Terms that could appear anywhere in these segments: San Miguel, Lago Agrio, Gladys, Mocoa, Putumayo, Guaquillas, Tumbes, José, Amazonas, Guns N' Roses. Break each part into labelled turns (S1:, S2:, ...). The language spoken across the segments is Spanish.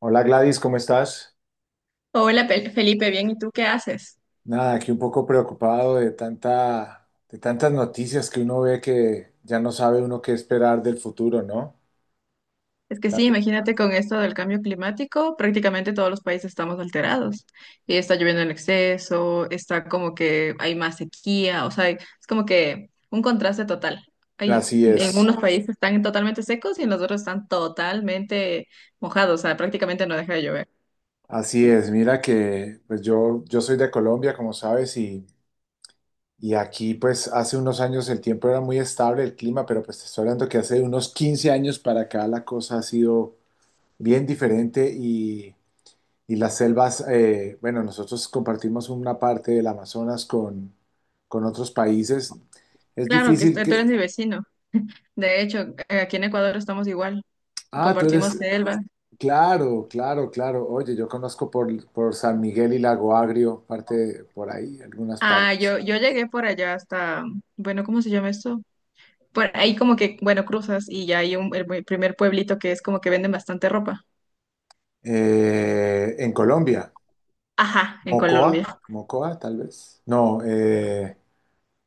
S1: Hola Gladys, ¿cómo estás?
S2: Hola Felipe, bien, ¿y tú qué haces?
S1: Nada, aquí un poco preocupado de tantas noticias que uno ve que ya no sabe uno qué esperar del futuro, ¿no?
S2: Es que sí,
S1: Tanto-
S2: imagínate con esto del cambio climático, prácticamente todos los países estamos alterados. Y está lloviendo en exceso, está como que hay más sequía, o sea, es como que un contraste total. Hay,
S1: Así
S2: en
S1: es,
S2: unos países están totalmente secos y en los otros están totalmente mojados, o sea, prácticamente no deja de llover.
S1: así es. Mira que pues yo soy de Colombia, como sabes, y aquí pues hace unos años el tiempo era muy estable, el clima, pero pues te estoy hablando que hace unos 15 años para acá la cosa ha sido bien diferente. Y las selvas, bueno, nosotros compartimos una parte del Amazonas con otros países. Es difícil
S2: Tú eres
S1: que...
S2: mi vecino. De hecho, aquí en Ecuador estamos igual,
S1: Ah, tú
S2: compartimos
S1: eres...
S2: selva.
S1: Claro, claro, claro. Oye, yo conozco por San Miguel y Lago Agrio, parte de- por ahí, algunas
S2: Ah,
S1: partes.
S2: yo llegué por allá hasta, bueno, ¿cómo se llama esto? Por ahí como que, bueno, cruzas y ya hay primer pueblito que es como que venden bastante ropa.
S1: En Colombia,
S2: Ajá, en Colombia.
S1: Mocoa, Mocoa, tal vez. No,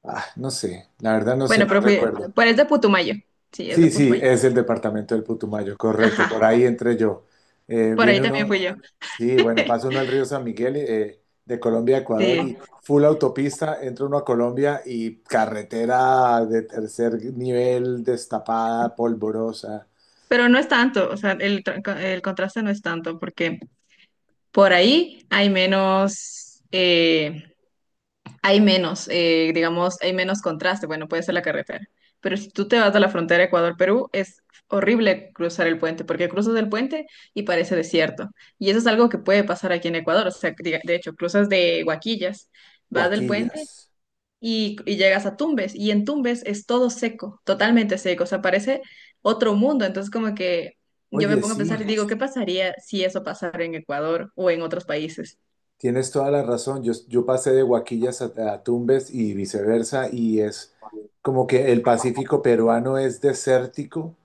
S1: ah, no sé, la verdad no sé,
S2: Bueno, pero
S1: no
S2: fui,
S1: recuerdo.
S2: pero es de Putumayo. Sí, es de
S1: Sí, sí,
S2: Putumayo.
S1: es el departamento del Putumayo, correcto, por
S2: Ajá,
S1: ahí entré yo. Eh,
S2: por ahí
S1: viene
S2: también
S1: uno,
S2: fui yo.
S1: sí, bueno, pasa uno al río San Miguel de Colombia a
S2: Sí,
S1: Ecuador y full autopista, entra uno a Colombia y carretera de tercer nivel, destapada, polvorosa.
S2: pero no es tanto, o sea, el contraste no es tanto porque por ahí hay menos, digamos, hay menos contraste, bueno, puede ser la carretera, pero si tú te vas a la frontera Ecuador-Perú, es horrible cruzar el puente, porque cruzas el puente y parece desierto, y eso es algo que puede pasar aquí en Ecuador, o sea, de hecho, cruzas de Huaquillas, vas del puente
S1: Guaquillas.
S2: y llegas a Tumbes, y en Tumbes es todo seco, totalmente seco, o sea, parece otro mundo, entonces como que yo me
S1: Oye,
S2: pongo a pensar y
S1: sí,
S2: digo, ¿qué pasaría si eso pasara en Ecuador o en otros países?
S1: tienes toda la razón, yo pasé de Guaquillas a Tumbes y viceversa y es como que el Pacífico peruano es desértico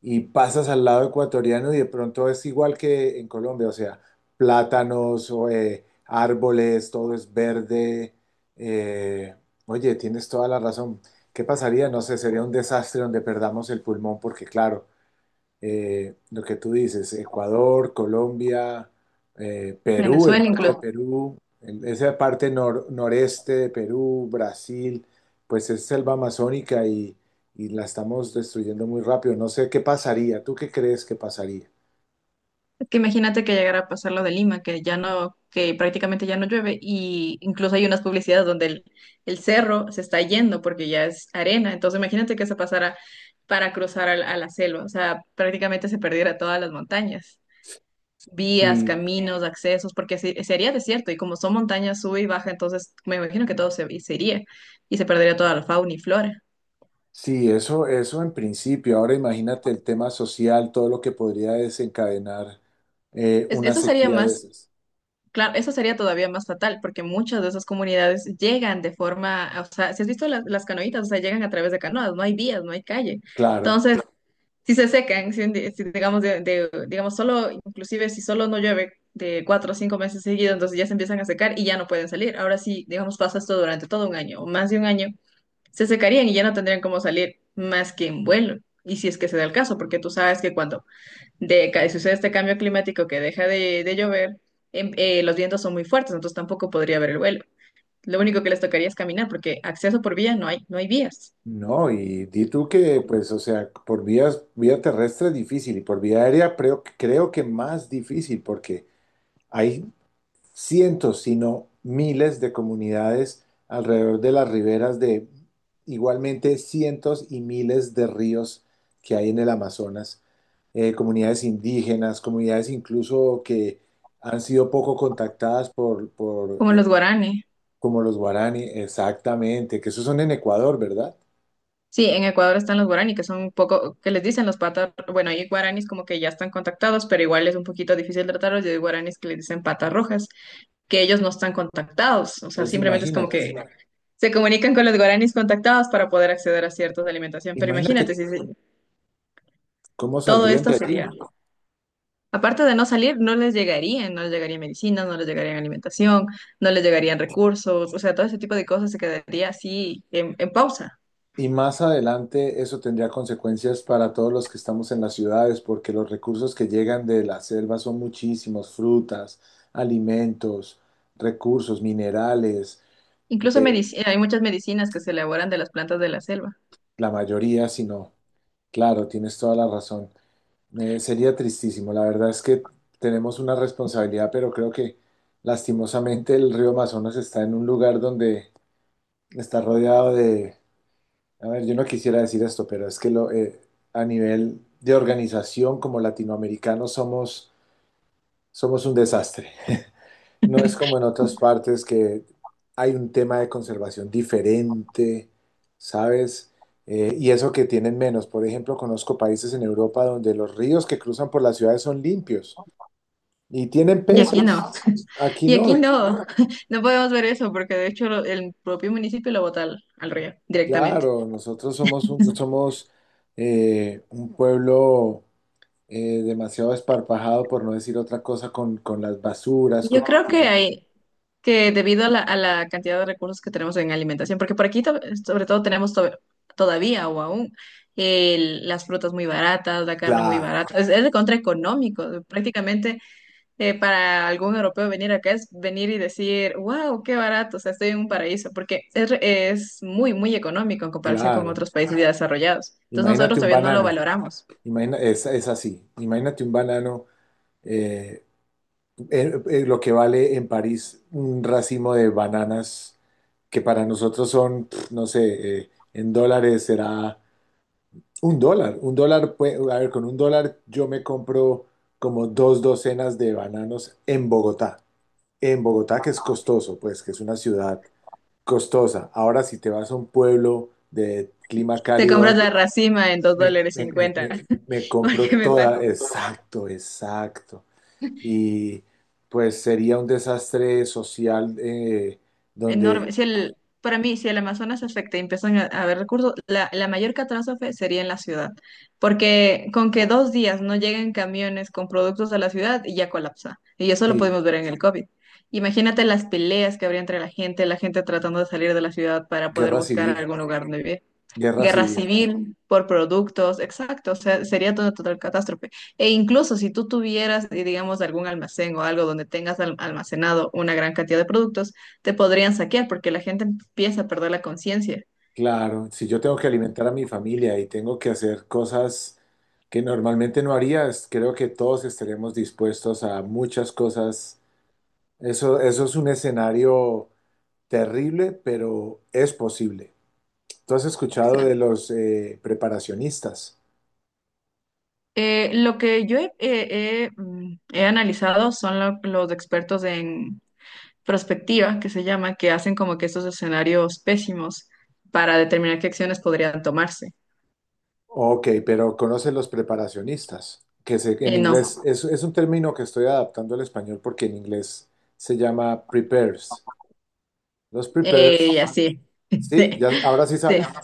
S1: y pasas al lado ecuatoriano y de pronto es igual que en Colombia, o sea, plátanos, o, árboles, todo es verde. eh, Oye, tienes toda la razón. ¿Qué pasaría? No sé, sería un desastre donde perdamos el pulmón porque, claro, lo que tú dices, Ecuador, Colombia, Perú, el
S2: Venezuela
S1: norte de
S2: incluso.
S1: Perú, el- esa parte nor- noreste de Perú, Brasil, pues es selva amazónica y la estamos destruyendo muy rápido. No sé qué pasaría, ¿tú qué crees que pasaría?
S2: Que imagínate que llegara a pasar lo de Lima, que ya no, que prácticamente ya no llueve, y incluso hay unas publicidades donde el cerro se está yendo porque ya es arena. Entonces imagínate que se pasara para la selva. O sea, prácticamente se perdiera todas las montañas, vías,
S1: Sí,
S2: caminos, accesos, porque sería desierto, y como son montañas sube y baja, entonces me imagino que todo se iría y se perdería toda la fauna y flora.
S1: sí, eso en principio. Ahora imagínate el tema social, todo lo que podría desencadenar
S2: Es-
S1: una
S2: eso sería
S1: sequía de
S2: más
S1: esas.
S2: Claro, eso sería todavía más fatal, porque muchas de esas comunidades llegan de forma, o sea, si has visto las canoitas, o sea, llegan a través de canoas, no hay vías, no hay calle.
S1: Claro.
S2: Entonces, si se secan, si, un di- si digamos, de- digamos, solo, inclusive si solo no llueve de 4 o 5 meses seguidos, entonces ya se empiezan a secar y ya no pueden salir. Ahora sí, digamos, pasa esto durante todo 1 año o más de 1 año, se secarían y ya no tendrían cómo salir más que en vuelo. Y si es que se da el caso, porque tú sabes que cuando sucede este cambio climático que deja de llover, los vientos son muy fuertes, entonces tampoco podría haber el vuelo. Lo único que les tocaría es caminar, porque acceso por vía no hay, no hay vías,
S1: No, y di tú que, pues, o sea, por vías, vía terrestre es difícil y por vía aérea creo que más difícil porque hay cientos, si no miles de comunidades alrededor de las riberas de igualmente cientos y miles de ríos que hay en el Amazonas, comunidades indígenas, comunidades incluso que han sido poco contactadas por
S2: como los guaraní.
S1: como los guaraní, exactamente, que esos son en Ecuador, ¿verdad?
S2: Sí, en Ecuador están los guaraní, que son un poco, que les dicen los patas, bueno, hay guaraníes como que ya están contactados, pero igual es un poquito difícil tratarlos, y hay guaraníes que les dicen patas rojas, que ellos no están contactados, o sea,
S1: Entonces
S2: simplemente es como
S1: imagínate.
S2: que se comunican con los guaraníes contactados para poder acceder a ciertas alimentación, pero
S1: Imagínate
S2: imagínate si
S1: cómo
S2: todo
S1: saldrían
S2: esto
S1: de
S2: sería.
S1: allí.
S2: Aparte de no salir, no les llegarían, no les llegaría medicinas, no les llegarían alimentación, no les llegarían recursos, o sea, todo ese tipo de cosas se quedaría así en pausa.
S1: Y más adelante eso tendría consecuencias para todos los que estamos en las ciudades, porque los recursos que llegan de la selva son muchísimos, frutas, alimentos, recursos, minerales,
S2: Incluso hay muchas medicinas que se elaboran de las plantas de la selva.
S1: la mayoría, si no. Claro, tienes toda la razón. Sería tristísimo. La verdad es que tenemos una responsabilidad, pero creo que lastimosamente el río Amazonas está en un lugar donde está rodeado de... A ver, yo no quisiera decir esto, pero es que a nivel de organización como latinoamericanos somos un desastre. No es como en otras partes que hay un tema de conservación diferente, ¿sabes? Y eso que tienen menos. Por ejemplo, conozco países en Europa donde los ríos que cruzan por las ciudades son limpios y tienen
S2: Y aquí
S1: peces.
S2: no,
S1: Aquí
S2: y aquí
S1: no.
S2: no, no podemos ver eso porque de hecho el propio municipio lo bota al río directamente.
S1: Claro, somos, un pueblo demasiado esparpajado, por no decir otra cosa, con las basuras, con
S2: Yo
S1: el
S2: creo que
S1: cuidado.
S2: hay, que debido a a la cantidad de recursos que tenemos en alimentación, porque por aquí sobre todo tenemos todavía o aún las frutas muy baratas, la carne muy
S1: Claro,
S2: barata, es de contraeconómico, prácticamente para algún europeo venir acá es venir y decir, wow, qué barato, o sea, estoy en un paraíso, porque es muy económico en comparación con
S1: claro.
S2: otros países ya desarrollados. Entonces nosotros
S1: Imagínate un
S2: todavía no lo
S1: banano,
S2: valoramos.
S1: imagina, es así. Imagínate un banano, eh, lo que vale en París un racimo de bananas que para nosotros son, pf, no sé, en dólares será un dólar. Un dólar, pue- a ver, con un dólar yo me compro como dos docenas de bananos en Bogotá. En Bogotá, que es costoso, pues, que es una ciudad costosa. Ahora, si te vas a un pueblo de clima
S2: Te
S1: cálido,
S2: compras la
S1: ¿dónde?
S2: racima en dos
S1: me,
S2: dólares
S1: me, me-
S2: cincuenta,
S1: me- me compro
S2: porque me
S1: toda,
S2: pasa.
S1: exacto, exacto. Y pues sería un desastre social
S2: Enorme.
S1: donde,
S2: Para mí, si el Amazonas se afecta y empiezan a haber recursos, la mayor catástrofe sería en la ciudad, porque con que 2 días no lleguen camiones con productos a la ciudad, ya colapsa. Y eso lo
S1: sí,
S2: podemos ver en el COVID. Imagínate las peleas que habría entre la gente tratando de salir de la ciudad para poder
S1: guerra
S2: buscar
S1: civil,
S2: algún lugar donde vivir
S1: guerra
S2: guerra
S1: civil.
S2: civil por productos, exacto, o sea, sería toda total catástrofe. E incluso si tú tuvieras, digamos, algún almacén o algo donde tengas almacenado una gran cantidad de productos, te podrían saquear porque la gente empieza a perder la conciencia.
S1: Claro, si yo tengo que alimentar a mi familia y tengo que hacer cosas que normalmente no harías, creo que todos estaremos dispuestos a muchas cosas. Eso es un escenario terrible, pero es posible. ¿Tú has escuchado de
S2: Exacto.
S1: los preparacionistas?
S2: Lo que yo he analizado son los expertos en prospectiva, que se llama, que hacen como que estos escenarios pésimos para determinar qué acciones podrían tomarse.
S1: Ok, pero ¿conoces los preparacionistas? Que se- en inglés
S2: No,
S1: es un término que estoy adaptando al español porque en inglés se llama prepares. Los
S2: y
S1: prepares,
S2: así.
S1: ¿sí? ¿Ya, ahora sí
S2: Sí.
S1: sabes?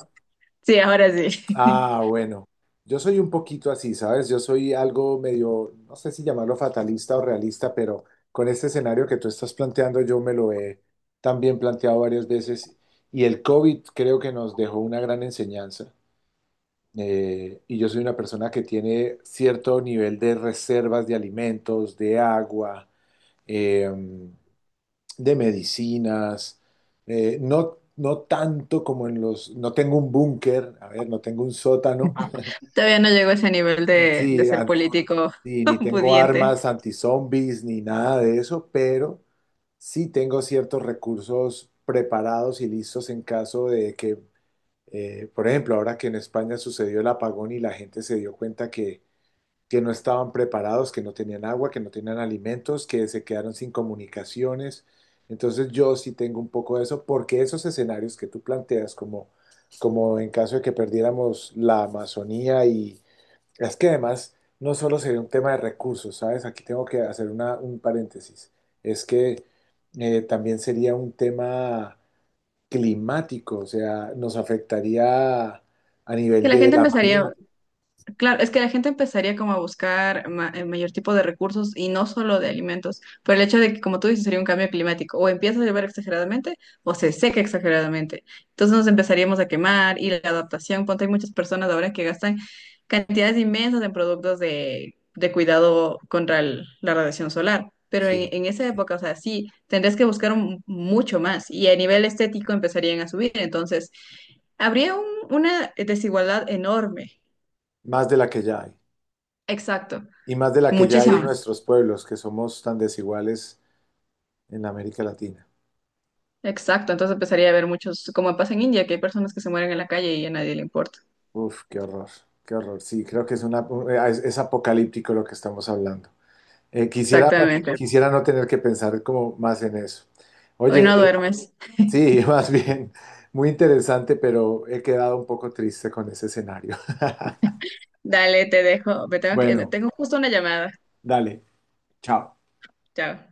S2: Sí, ahora sí.
S1: Ah, bueno, yo soy un poquito así, ¿sabes? Yo soy algo medio, no sé si llamarlo fatalista o realista, pero con este escenario que tú estás planteando, yo me lo he también planteado varias veces y el COVID creo que nos dejó una gran enseñanza. Y yo soy una persona que tiene cierto nivel de reservas de alimentos, de agua, eh, de medicinas, no, no tanto como en los... No tengo un búnker, a ver, no tengo un sótano.
S2: Todavía no llego a ese nivel de
S1: Sí,
S2: ser
S1: ante-
S2: político
S1: y ni tengo
S2: pudiente.
S1: armas anti-zombies ni nada de eso, pero sí tengo ciertos recursos preparados y listos en caso de que, por ejemplo, ahora que en España sucedió el apagón y la gente se dio cuenta que no estaban preparados, que no tenían agua, que no tenían alimentos, que se quedaron sin comunicaciones. Entonces yo sí tengo un poco de eso, porque esos escenarios que tú planteas, como, como en caso de que perdiéramos la Amazonía. Y es que además no solo sería un tema de recursos, ¿sabes? Aquí tengo que hacer una- un paréntesis. Es que también sería un tema climático, o sea, nos afectaría a
S2: Que
S1: nivel
S2: la gente
S1: del
S2: empezaría,
S1: ambiente,
S2: claro, es que la gente empezaría como a buscar el mayor tipo de recursos y no solo de alimentos, pero el hecho de que, como tú dices, sería un cambio climático, o empieza a llover exageradamente o se seca exageradamente. Entonces nos empezaríamos a quemar y la adaptación, ponte, hay muchas personas ahora que gastan cantidades inmensas en productos de cuidado contra la radiación solar, pero
S1: sí,
S2: en esa época, o sea, sí, tendrías que buscar mucho más y a nivel estético empezarían a subir, entonces habría un- una desigualdad enorme.
S1: más de la que ya hay.
S2: Exacto.
S1: Y más de la que ya hay en
S2: Muchísimo.
S1: nuestros pueblos, que somos tan desiguales en América Latina.
S2: Exacto, entonces empezaría a haber muchos, como pasa en India, que hay personas que se mueren en la calle y a nadie le importa.
S1: Uf, qué horror, qué horror. Sí, creo que es una, es apocalíptico lo que estamos hablando. Eh, quisiera,
S2: Exactamente.
S1: quisiera no tener que pensar como más en eso.
S2: Hoy
S1: Oye,
S2: no duermes.
S1: sí, más bien, muy interesante, pero he quedado un poco triste con ese escenario.
S2: Dale, te dejo. Me
S1: Bueno,
S2: tengo justo una llamada.
S1: dale, chao.
S2: Chao.